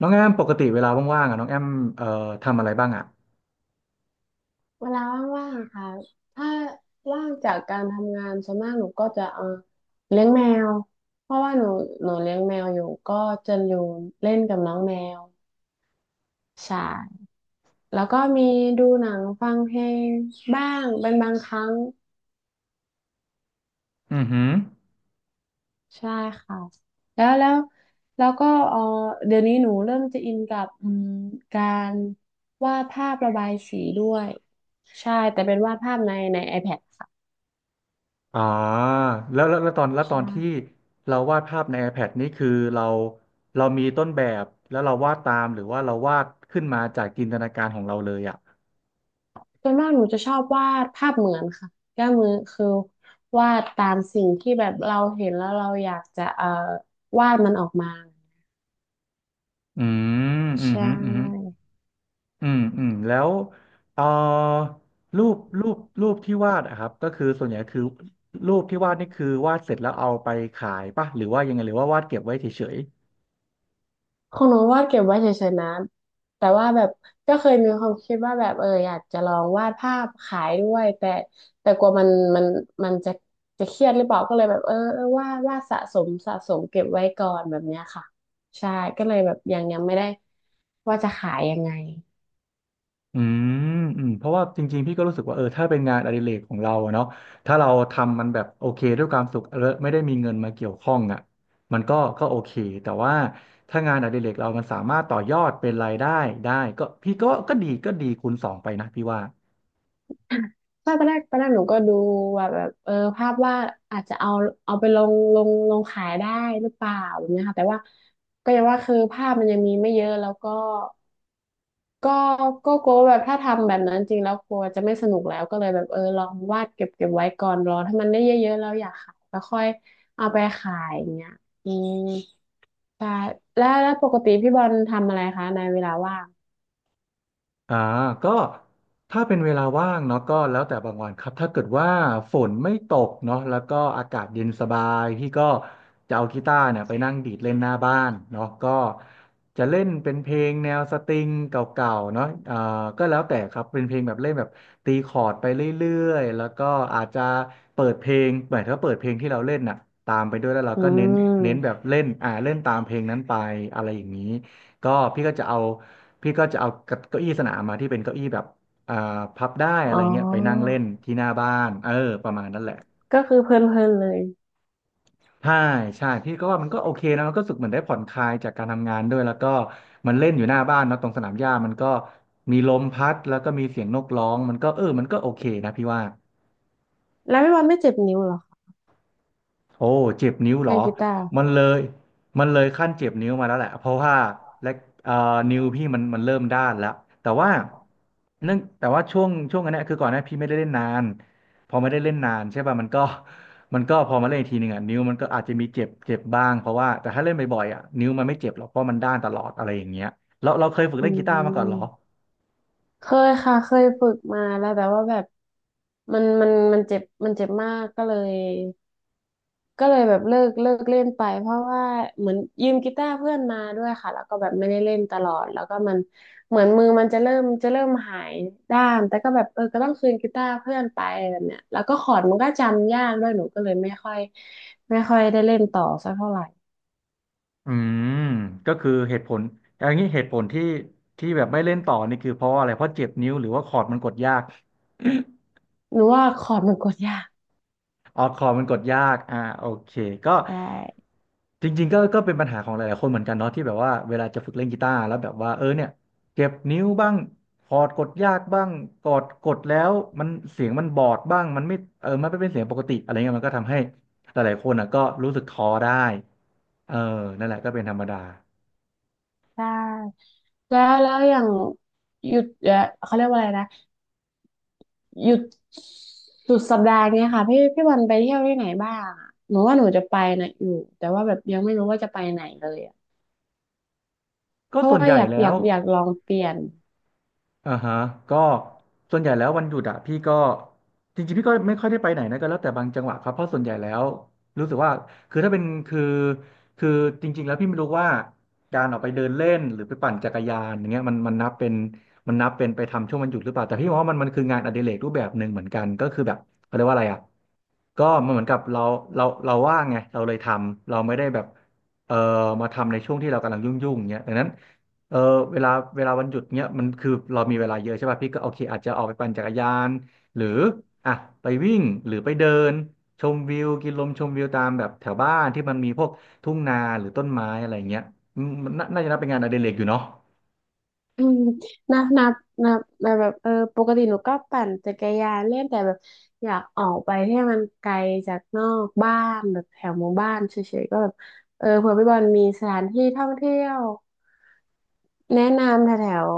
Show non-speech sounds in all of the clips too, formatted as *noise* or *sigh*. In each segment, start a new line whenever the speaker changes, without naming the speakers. น้องแอมปกติเวลาว่างๆอ่ะน้องแอมเอ่อทำอะไรบ้างอ่ะ
เวลาว่างๆอะค่ะถ้าว่างจากการทำงานส่วนมากหนูก็จะเลี้ยงแมวเพราะว่าหนูเลี้ยงแมวอยู่ก็จะอยู่เล่นกับน้องแมวใช่แล้วก็มีดูหนังฟังเพลงบ้างเป็นบางครั้ง
อือหือ
ใช่ค่ะแล้วแล้วแล้วก็เดี๋ยวนี้หนูเริ่มจะอินกับการวาดภาพระบายสีด้วยใช่ แต่เป็นวาดภาพใน iPad ค่ะ
อ๋อแล้วแล้วแล้วตอนแล้ว
ใ
ตอนที่
ช่
เราวาดภาพใน iPad นี่คือเรามีต้นแบบแล้วเราวาดตามหรือว่าเราวาดขึ้นมาจากจินตนาการของเราเลยอ่ะ
ส่วนมากหนูจะชอบวาดภาพเหมือนค่ะก็มือคือวาดตามสิ่งที่แบบเราเห็นแล้วเราอยากจะวาดมันออกมา
อืมอื
ใช
มอหืมออืมอหือ
่
อืมอืมแล้วเอ่อรูปรูปรูปที่วาดอะครับก็คือส่วนใหญ่คือรูปที่วาดนี่คือวาดเสร็จแล้วเอาไปขายป่ะหรือว่ายังไงหรือว่าวาดเก็บไว้เฉย
ของหนูวาดเก็บไว้เฉยๆนะแต่ว่าแบบก็เคยมีความคิดว่าแบบเอออยากจะลองวาดภาพขายด้วยแต่แต่กลัวมันมันจะจะเครียดหรือเปล่าก็เลยแบบเออวาดสะสมเก็บไว้ก่อนแบบเนี้ยค่ะใช่ก็เลยแบบยังไม่ได้ว่าจะขายยังไง
อืมอืมเพราะว่าจริงๆพี่ก็รู้สึกว่าเออถ้าเป็นงานอดิเรกของเราอะเนาะถ้าเราทำมันแบบโอเคด้วยความสุขแล้วไม่ได้มีเงินมาเกี่ยวข้องอ่ะมันก็โอเคแต่ว่าถ้างานอดิเรกเรามันสามารถต่อยอดเป็นรายได้ได้ก็พี่ก็ดีก็ดีคูณสองไปนะพี่ว่า
ใช่ตอนแรกหนูก็ดูว่าแบบเออภาพว่าอาจจะเอาไปลงขายได้หรือเปล่าแบบเนี้ยค่ะแต่ว่าก็อย่างว่าคือภาพมันยังมีไม่เยอะแล้วก็ก็ก็กลัวว่าแบบถ้าทำแบบนั้นจริงแล้วกลัวจะไม่สนุกแล้วก็เลยแบบเออลองวาดเก็บไว้ก่อนรอถ้ามันได้เยอะๆแล้วอยากขายก็ค่อยเอาไปขายอย่างเงี้ยอืมใช่แล้วปกติพี่บอลทำอะไรคะในเวลาว่าง
อ่าก็ถ้าเป็นเวลาว่างเนาะก็แล้วแต่บางวันครับถ้าเกิดว่าฝนไม่ตกเนาะแล้วก็อากาศเย็นสบายพี่ก็จะเอากีตาร์เนี่ยไปนั่งดีดเล่นหน้าบ้านเนาะก็จะเล่นเป็นเพลงแนวสตริงเก่าๆเนาะอ่าก็แล้วแต่ครับเป็นเพลงแบบเล่นแบบตีคอร์ดไปเรื่อยๆแล้วก็อาจจะเปิดเพลงเหมือนถ้าเปิดเพลงที่เราเล่นน่ะตามไปด้วยแล้วเรา
อื
ก็เน้นแบบ
ม
เล่นอ่าเล่นตามเพลงนั้นไปอะไรอย่างนี้ก็พี่ก็จะเอา พี่ก็จะเอาเก้าอี้สนามมาที่เป็นเก้าอี้แบบอ่าพับได้อะ
อ๋
ไร
อ
เงี้ยไปนั่งเล่นที่หน้าบ้านเออประมาณนั้นแหละ
ก็คือเพลินๆเลย
ใช่ใช่พี่ก็ว่ามันก็โอเคนะมันก็รู้สึกเหมือนได้ผ่อนคลายจากการทำงานด้วยแล้วก็มันเล่นอยู่หน้าบ้านเนอะตรงสนามหญ้ามันก็มีลมพัดแล้วก็มีเสียงนกร้องมันก็เออมันก็โอเคนะพี่ว่า
แล้วพี่บอลไม่เจ็บนิ้วเหรอ
โอ้เจ็บนิ้วเหร
เล่
อ
นกีตาร์
มันเลยมันเลยขั้นเจ็บนิ้วมาแล้วแหละเพราะว่าและเอ่อนิ้วพี่มันเริ่มด้านแล้วแต่ว่าเนื่องแต่ว่าช่วงนั้นเนี่ยคือก่อนหน้าพี่ไม่ได้เล่นนานพอไม่ได้เล่นนานใช่ป่ะมันก็ *laughs* มันก็พอมาเล่นอีกทีหนึ่งอ่ะนิ้วมันก็อาจจะมีเจ็บเจ็บบ้างเพราะว่าแต่ถ้าเล่นบ่อยๆอ่ะนิ้วมันไม่เจ็บหรอกเพราะมันด้านตลอดอะไรอย่างเงี้ยเราเคยฝึก
อื
เล่นกีตาร์มาก่อนเหรอ
มเคยค่ะเคยฝึกมาแล้วแต่ว่าแบบมันเจ็บมันเจ็บมากก็เลยก็เลยแบบเลิกเล่นไปเพราะว่าเหมือนยืมกีตาร์เพื่อนมาด้วยค่ะแล้วก็แบบไม่ได้เล่นตลอดแล้วก็มันเหมือนมือมันจะเริ่มหายด้ามแต่ก็แบบเออก็ต้องคืนกีตาร์เพื่อนไปแบบเนี้ยแล้วก็คอร์ดมันก็จำยากด้วยหนูก็เลยไม่ค่อยได้เล่นต่อสักเท่าไหร่
อืมก็คือเหตุผลอย่างนี้เหตุผลที่แบบไม่เล่นต่อนี่คือเพราะอะไรเพราะเจ็บนิ้วหรือว่าคอร์ดมันกดยาก *coughs*
หนูว่าคอร์ดมันกดยาก
*laughs* ออกคอร์ดมันกดยากอ่าโอเคก็
ใช่
จริงๆก็เป็นปัญหาของหลายๆคนเหมือนกันเนาะที่แบบว่าเวลาจะฝึกเล่นกีตาร์แล้วแบบว่าเออเนี่ยเจ็บนิ้วบ้างคอร์ดกดยากบ้างกดแล้วมันเสียงมันบอดบ้างมันไม่เออมันไม่เป็นเสียงปกติอะไรเงี้ยมันก็ทำให้หลายๆคนอ่ะก็รู้สึกท้อได้เออนั่นแหละก็เป็นธรรมดา
ใช่ แล้วอย่างหยุดเขาเรียกว่าอะไรนะหยุดสุดสัปดาห์เนี้ยค่ะพี่วันไปเที่ยวที่ไหนบ้างอะหนูว่าหนูจะไปนะอยู่แต่ว่าแบบยังไม่รู้ว่าจะไปไหนเลยอะเพ
ก็
ราะ
ส่วน
ว่า
ใหญ่
อยาก
แล้
อยา
ว
กอยากลองเปลี่ยน
อ่าฮะก็ส่วนใหญ่แล้ววันหยุดอะพี่ก็จริงๆพี่ก็ไม่ค่อยได้ไปไหนนะก็แล้วแต่บางจังหวะครับเพราะส่วนใหญ่แล้วรู้สึกว่าคือถ้าเป็นคือจริงๆแล้วพี่ไม่รู้ว่าการออกไปเดินเล่นหรือไปปั่นจักรยานอย่างเงี้ยมันนับเป็นมันนับเป็นไปทำช่วงวันหยุดหรือเปล่าแต่พี่มองว่ามันคืองานอดิเรกรูปแบบหนึ่งเหมือนกันก็คือแบบเขาเรียกว่าอะไรอะก็มันเหมือนกับเราเราว่างไงเราเลยทำเราไม่ได้แบบเอ่อมาทำในช่วงที่เรากำลังยุ่งๆอย่างเงี้ยดังนั้น เออเวลาเวลาวันหยุดเนี้ยมันคือเรามีเวลาเยอะใช่ป่ะพี่ก็โอเคอาจจะออกไปปั่นจักรยานหรืออ่ะไปวิ่งหรือไปเดินชมวิวกินลมชมวิวตามแบบแถวบ้านที่มันมีพวกทุ่งนาหรือต้นไม้อะไรเงี้ยอืมมันน่าจะนับเป็นงานอดิเรกอยู่เนาะ
อืมนะนะนะแบบเออปกติหนูก็ปั่นจักรยานเล่นแต่แบบอยากออกไปให้มันไกลจากนอกบ้านแบบแถวหมู่บ้านเฉยๆก็แบบเออเผื่อพี่บอลมีสถานที่ท่องเที่ยว แนะนำแถวแถว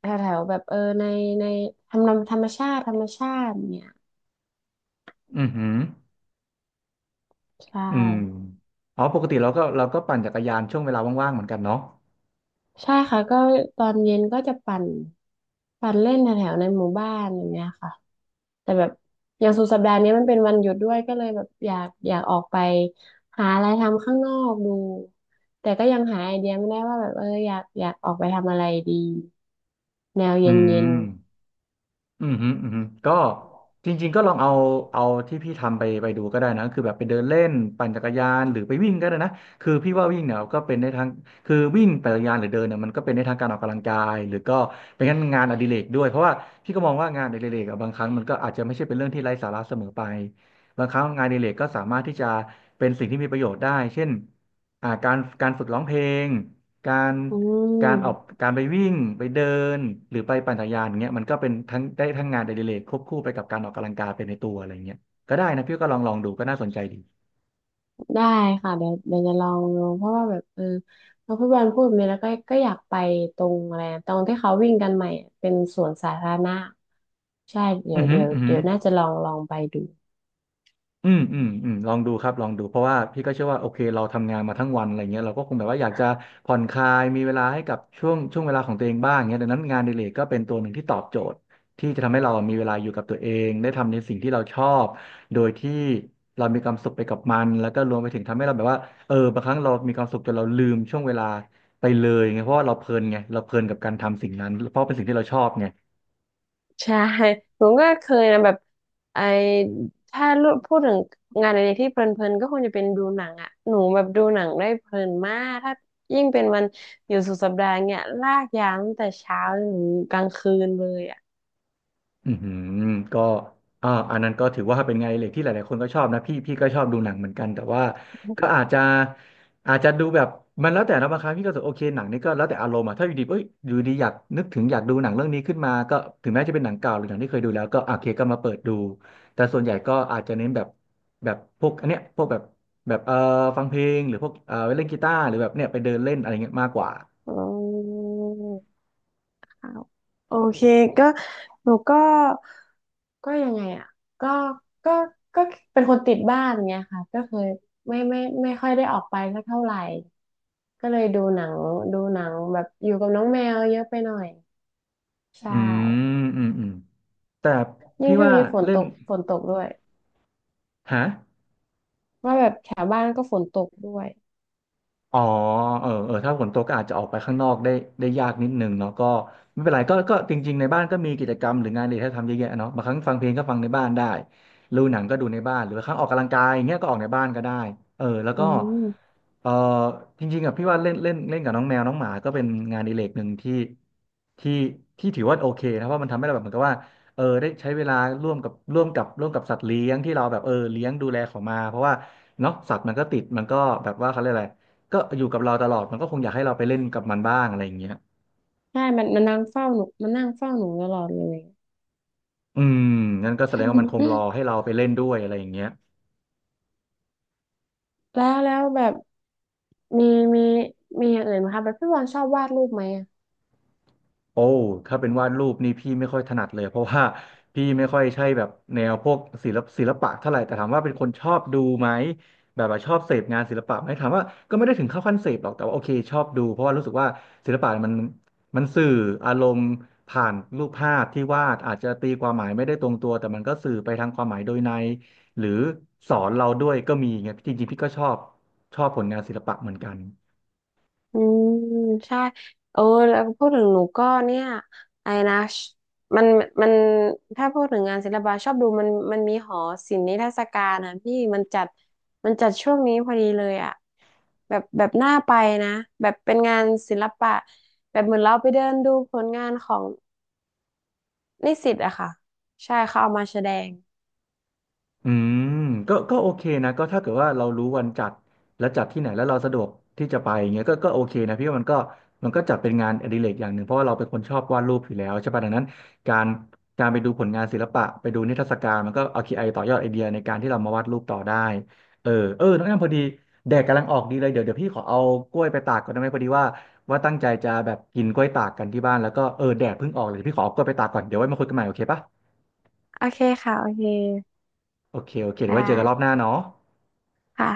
แถวแถวแบบเออในธรรมชาติเนี่ย
อือหือ
ใช่
อืมอ๋อปกติเราก็ปั่นจักรยานช่วงเวลาว่างๆเหมือนกันเนาะ
ใช่ค่ะก็ตอนเย็นก็จะปั่นเล่นแถวแถวในหมู่บ้านอย่างเงี้ยค่ะแต่แบบอย่างสุดสัปดาห์นี้มันเป็นวันหยุดด้วยก็เลยแบบอยากออกไปหาอะไรทำข้างนอกดูแต่ก็ยังหาไอเดียไม่ได้ว่าแบบเอออยากออกไปทำอะไรดีแนวเย
อื
็
ม
นๆ
อืมฮึอืมฮึก็จริงๆก็ลองเอาเอาที่พี่ทำไปไปดูก็ได้นะคือแบบไปเดินเล่นปั่นจักรยานหรือไปวิ่งก็ได้นะคือพี่ว่าวิ่งเนี่ยก็เป็นได้ทั้งคือวิ่งปั่นจักรยานหรือเดินเนี่ยมันก็เป็นได้ทั้งการออกกำลังกายหรือก็เป็นงานอดิเรกด้วยเพราะว่าพี่ก็มองว่างานอดิเรกอะบางครั้งมันก็อาจจะไม่ใช่เป็นเรื่องที่ไร้สาระเสมอไปบางครั้งงานอดิเรกก็สามารถที่จะเป็นสิ่งที่มีประโยชน์ได้เช่นการฝึกร้องเพลงการ
อื
การออก
ม
การไปวิ่งไปเดินหรือไปปั่นจักรยานอย่างเงี้ยมันก็เป็นทั้งได้ทั้งงานอดิเรกควบคู่ไปกับการออกกำลังกายไปในตัวอะไรเงี้ยก็ได้นะพี่ก็ลองดูก็น่าสนใจดี
ได้ค่ะเดี๋ยวจะลองเพราะว่าแบบเออพอพี่บอลพูดแบบนี้แล้วก็ก็อยากไปตรงอะไรนะตรงที่เขาวิ่งกันใหม่อะเป็นสวนสาธารณะใช่เดี๋
อื
ย
อ
ว
หือ
เดี๋ยว
อือหื
เดี๋
อ
ยวน่าจะลองไปดู
อืมอืมอืมลองดูครับลองดูเพราะว่าพี่ก็เชื่อว่าโอเคเราทำงานมาทั้งวันอะไรเงี้ยเราก็คงแบบว่าอยากจะผ่อนคลายมีเวลาให้กับช่วงเวลาของตัวเองบ้างเงี้ยดังนั้นงานอดิเรกก็เป็นตัวหนึ่งที่ตอบโจทย์ที่จะทำให้เรามีเวลาอยู่กับตัวเองได้ทำในสิ่งที่เราชอบโดยที่เรามีความสุขไปกับมันแล้วก็รวมไปถึงทำให้เราแบบว่าเออบางครั้งเรามีความสุขจนเราลืมช่วงเวลาไปเลยไงเพราะว่าเราเพลินไงเราเพลินกับการทำสิ่งนั้นเพราะเป็นสิ่งที่เราชอบไง
ใช่ผมก็เคยนะแบบไอถ้าพูดถึงงานอะไรที่เพลินๆก็คงจะเป็นดูหนังอ่ะหนูแบบดูหนังได้เพลินมากถ้ายิ่งเป็นวันอยู่สุดสัปดาห์เนี่ยลากยาวตั้งแต่เช้าจนถึงกลางคืนเลยอ่ะ
อือหือก็อันนั้นก็ถือว่าเป็นงานอดิเล็กที่หลายๆคนก็ชอบนะพี่พี่ก็ชอบดูหนังเหมือนกันแต่ว่าก็อาจจะอาจจะดูแบบมันแล้วแต่นะบางครั้งพี่ก็รู้สึกโอเคหนังนี่ก็แล้วแต่อารมณ์อะถ้าอยู่ดีอยากนึกถึงอยากดูหนังเรื่องนี้ขึ้นมาก็ถึงแม้จะเป็นหนังเก่าหรือหนังที่เคยดูแล้วก็อ่ะโอเคก็มาเปิดดูแต่ส่วนใหญ่ก็อาจจะเน้นแบบแบบพวกอันเนี้ยพวกแบบแบบฟังเพลงหรือพวกเล่นกีตาร์หรือแบบเนี่ยไปเดินเล่นอะไรเงี้ยมากกว่า
อืม อ้าวโอเคก็หนูก็ก็ยังไงอ่ะก็ก็ก็เป็นคนติดบ้านเงี้ยค่ะก็เคยไม่ค่อยได้ออกไปสักเท่าไหร่ก็เลยดูหนังแบบอยู่กับน้องแมวเยอะไปหน่อยใช่
อืมอืมอืมแต่
ยิ่ง
พี่
ช่วง
ว่า
นี้ฝน
เล่
ต
น
กฝนตกด้วย
ฮะ
ว่าแบบแถวบ้านก็ฝนตกด้วย
อ๋อเออเออถ้าฝนตกก็อาจจะออกไปข้างนอกได้ได้ยากนิดนึงเนาะก็ไม่เป็นไรก็ก็จริงๆ ในบ้านก็มีกิจกรรมหรืองานอดิเรกให้ทำเยอะแยะเนาะบางครั้งฟังเพลงก็ฟังในบ้านได้ดูหนังก็ดูในบ้าน หรือบางครั้งออกกำลังกายอย่างเงี้ยก็ออกในบ้านก็ได้เออแล้ว
อื
ก็
ม
เออจริงๆอ่ะพี่ว่าเล่นเล่นเล่นกับน้องแมวน้องหมาก็เป็นงานอดิเรกหนึ่งที่ที่ที่ถือว่าโอเคนะเพราะมันทำให้เราแบบเหมือนกับว่าเออได้ใช้เวลาร่วมกับร่วมกับสัตว์เลี้ยงที่เราแบบเออเลี้ยงดูแลเขามาเพราะว่าเนาะสัตว์มันก็ติดมันก็แบบว่าเขาเรียกอะไร ก็อยู่กับเราตลอดมันก็คงอยากให้เราไปเล่นกับมันบ้างอะไรอย่างเงี้ย
ใช่มันนั่งเฝ้าหนูมันนั่งเฝ้าหนูตลอดเลย
อืมงั้นก็แสดงว่ามันคงรอให้เราไปเล่นด้วยอะไรอย่างเงี้ย
*laughs* แล้วแบบมีมีมีอย่างอื่นไหมคะแบบพี่บอลชอบวาดรูปไหม
โอ้ถ้าเป็นวาดรูปนี่พี่ไม่ค่อยถนัดเลยเพราะว่าพี่ไม่ค่อยใช่แบบแนวพวกศิลปะเท่าไหร่แต่ถามว่าเป็นคนชอบดูไหมแบบว่าชอบเสพงานศิลปะไหมถามว่าก็ไม่ได้ถึงเข้าขั้นเสพหรอกแต่ว่าโอเคชอบดูเพราะว่ารู้สึกว่าศิลปะมันมันสื่ออารมณ์ผ่านรูปภาพที่วาดอาจจะตีความหมายไม่ได้ตรงตัวแต่มันก็สื่อไปทางความหมายโดยในหรือสอนเราด้วยก็มีไงจริงๆพี่ก็ชอบชอบผลงานศิลปะเหมือนกัน
อืมใช่เออแล้วพูดถึงหนูก็เนี่ยไอ้นะชมันมันถ้าพูดถึงงานศิลปะชอบดูมันมีหอศิลป์นิทรรศการนะพี่มันจัดช่วงนี้พอดีเลยอ่ะแบบน่าไปนะแบบเป็นงานศิลปะแบบเหมือนเราไปเดินดูผลงานของนิสิตอะค่ะใช่เขาเอามาแสดง
อืมก็ก็โอเคนะก็ถ้าเกิดว่าเรารู้วันจัดและจัดที่ไหนแล้วเราสะดวกที่จะไปอย่างเงี้ยก็ก็โอเคนะพี่ว่ามันก็มันก็จัดเป็นงานอดิเรกอย่างหนึ่งเพราะว่าเราเป็นคนชอบวาดรูปอยู่แล้วใช่ป่ะดังนั้นการการไปดูผลงานศิลปะไปดูนิทรรศการมันก็เอาคีไอต่อยอดไอเดียในการที่เรามาวาดรูปต่อได้เออเออน้องแอมพอดีแดดกำลังออกดีเลยเดี๋ยวเดี๋ยวพี่ขอเอากล้วยไปตากก่อนได้ไหมพอดีว่าว่าตั้งใจจะแบบกินกล้วยตากกันที่บ้านแล้วก็เออแดดเพิ่งออกเลยเดี๋ยวพี่ขอเอากล้วยไปตากก่อนเดี๋ยวไว้มาคุยกันใหม่โอเคป่ะ
โอเคค่ะโอเค
โอเคโอเค
ได
เดี๋ยวไว้เจอกันรอบห
้
น้าเนาะ
ค่ะ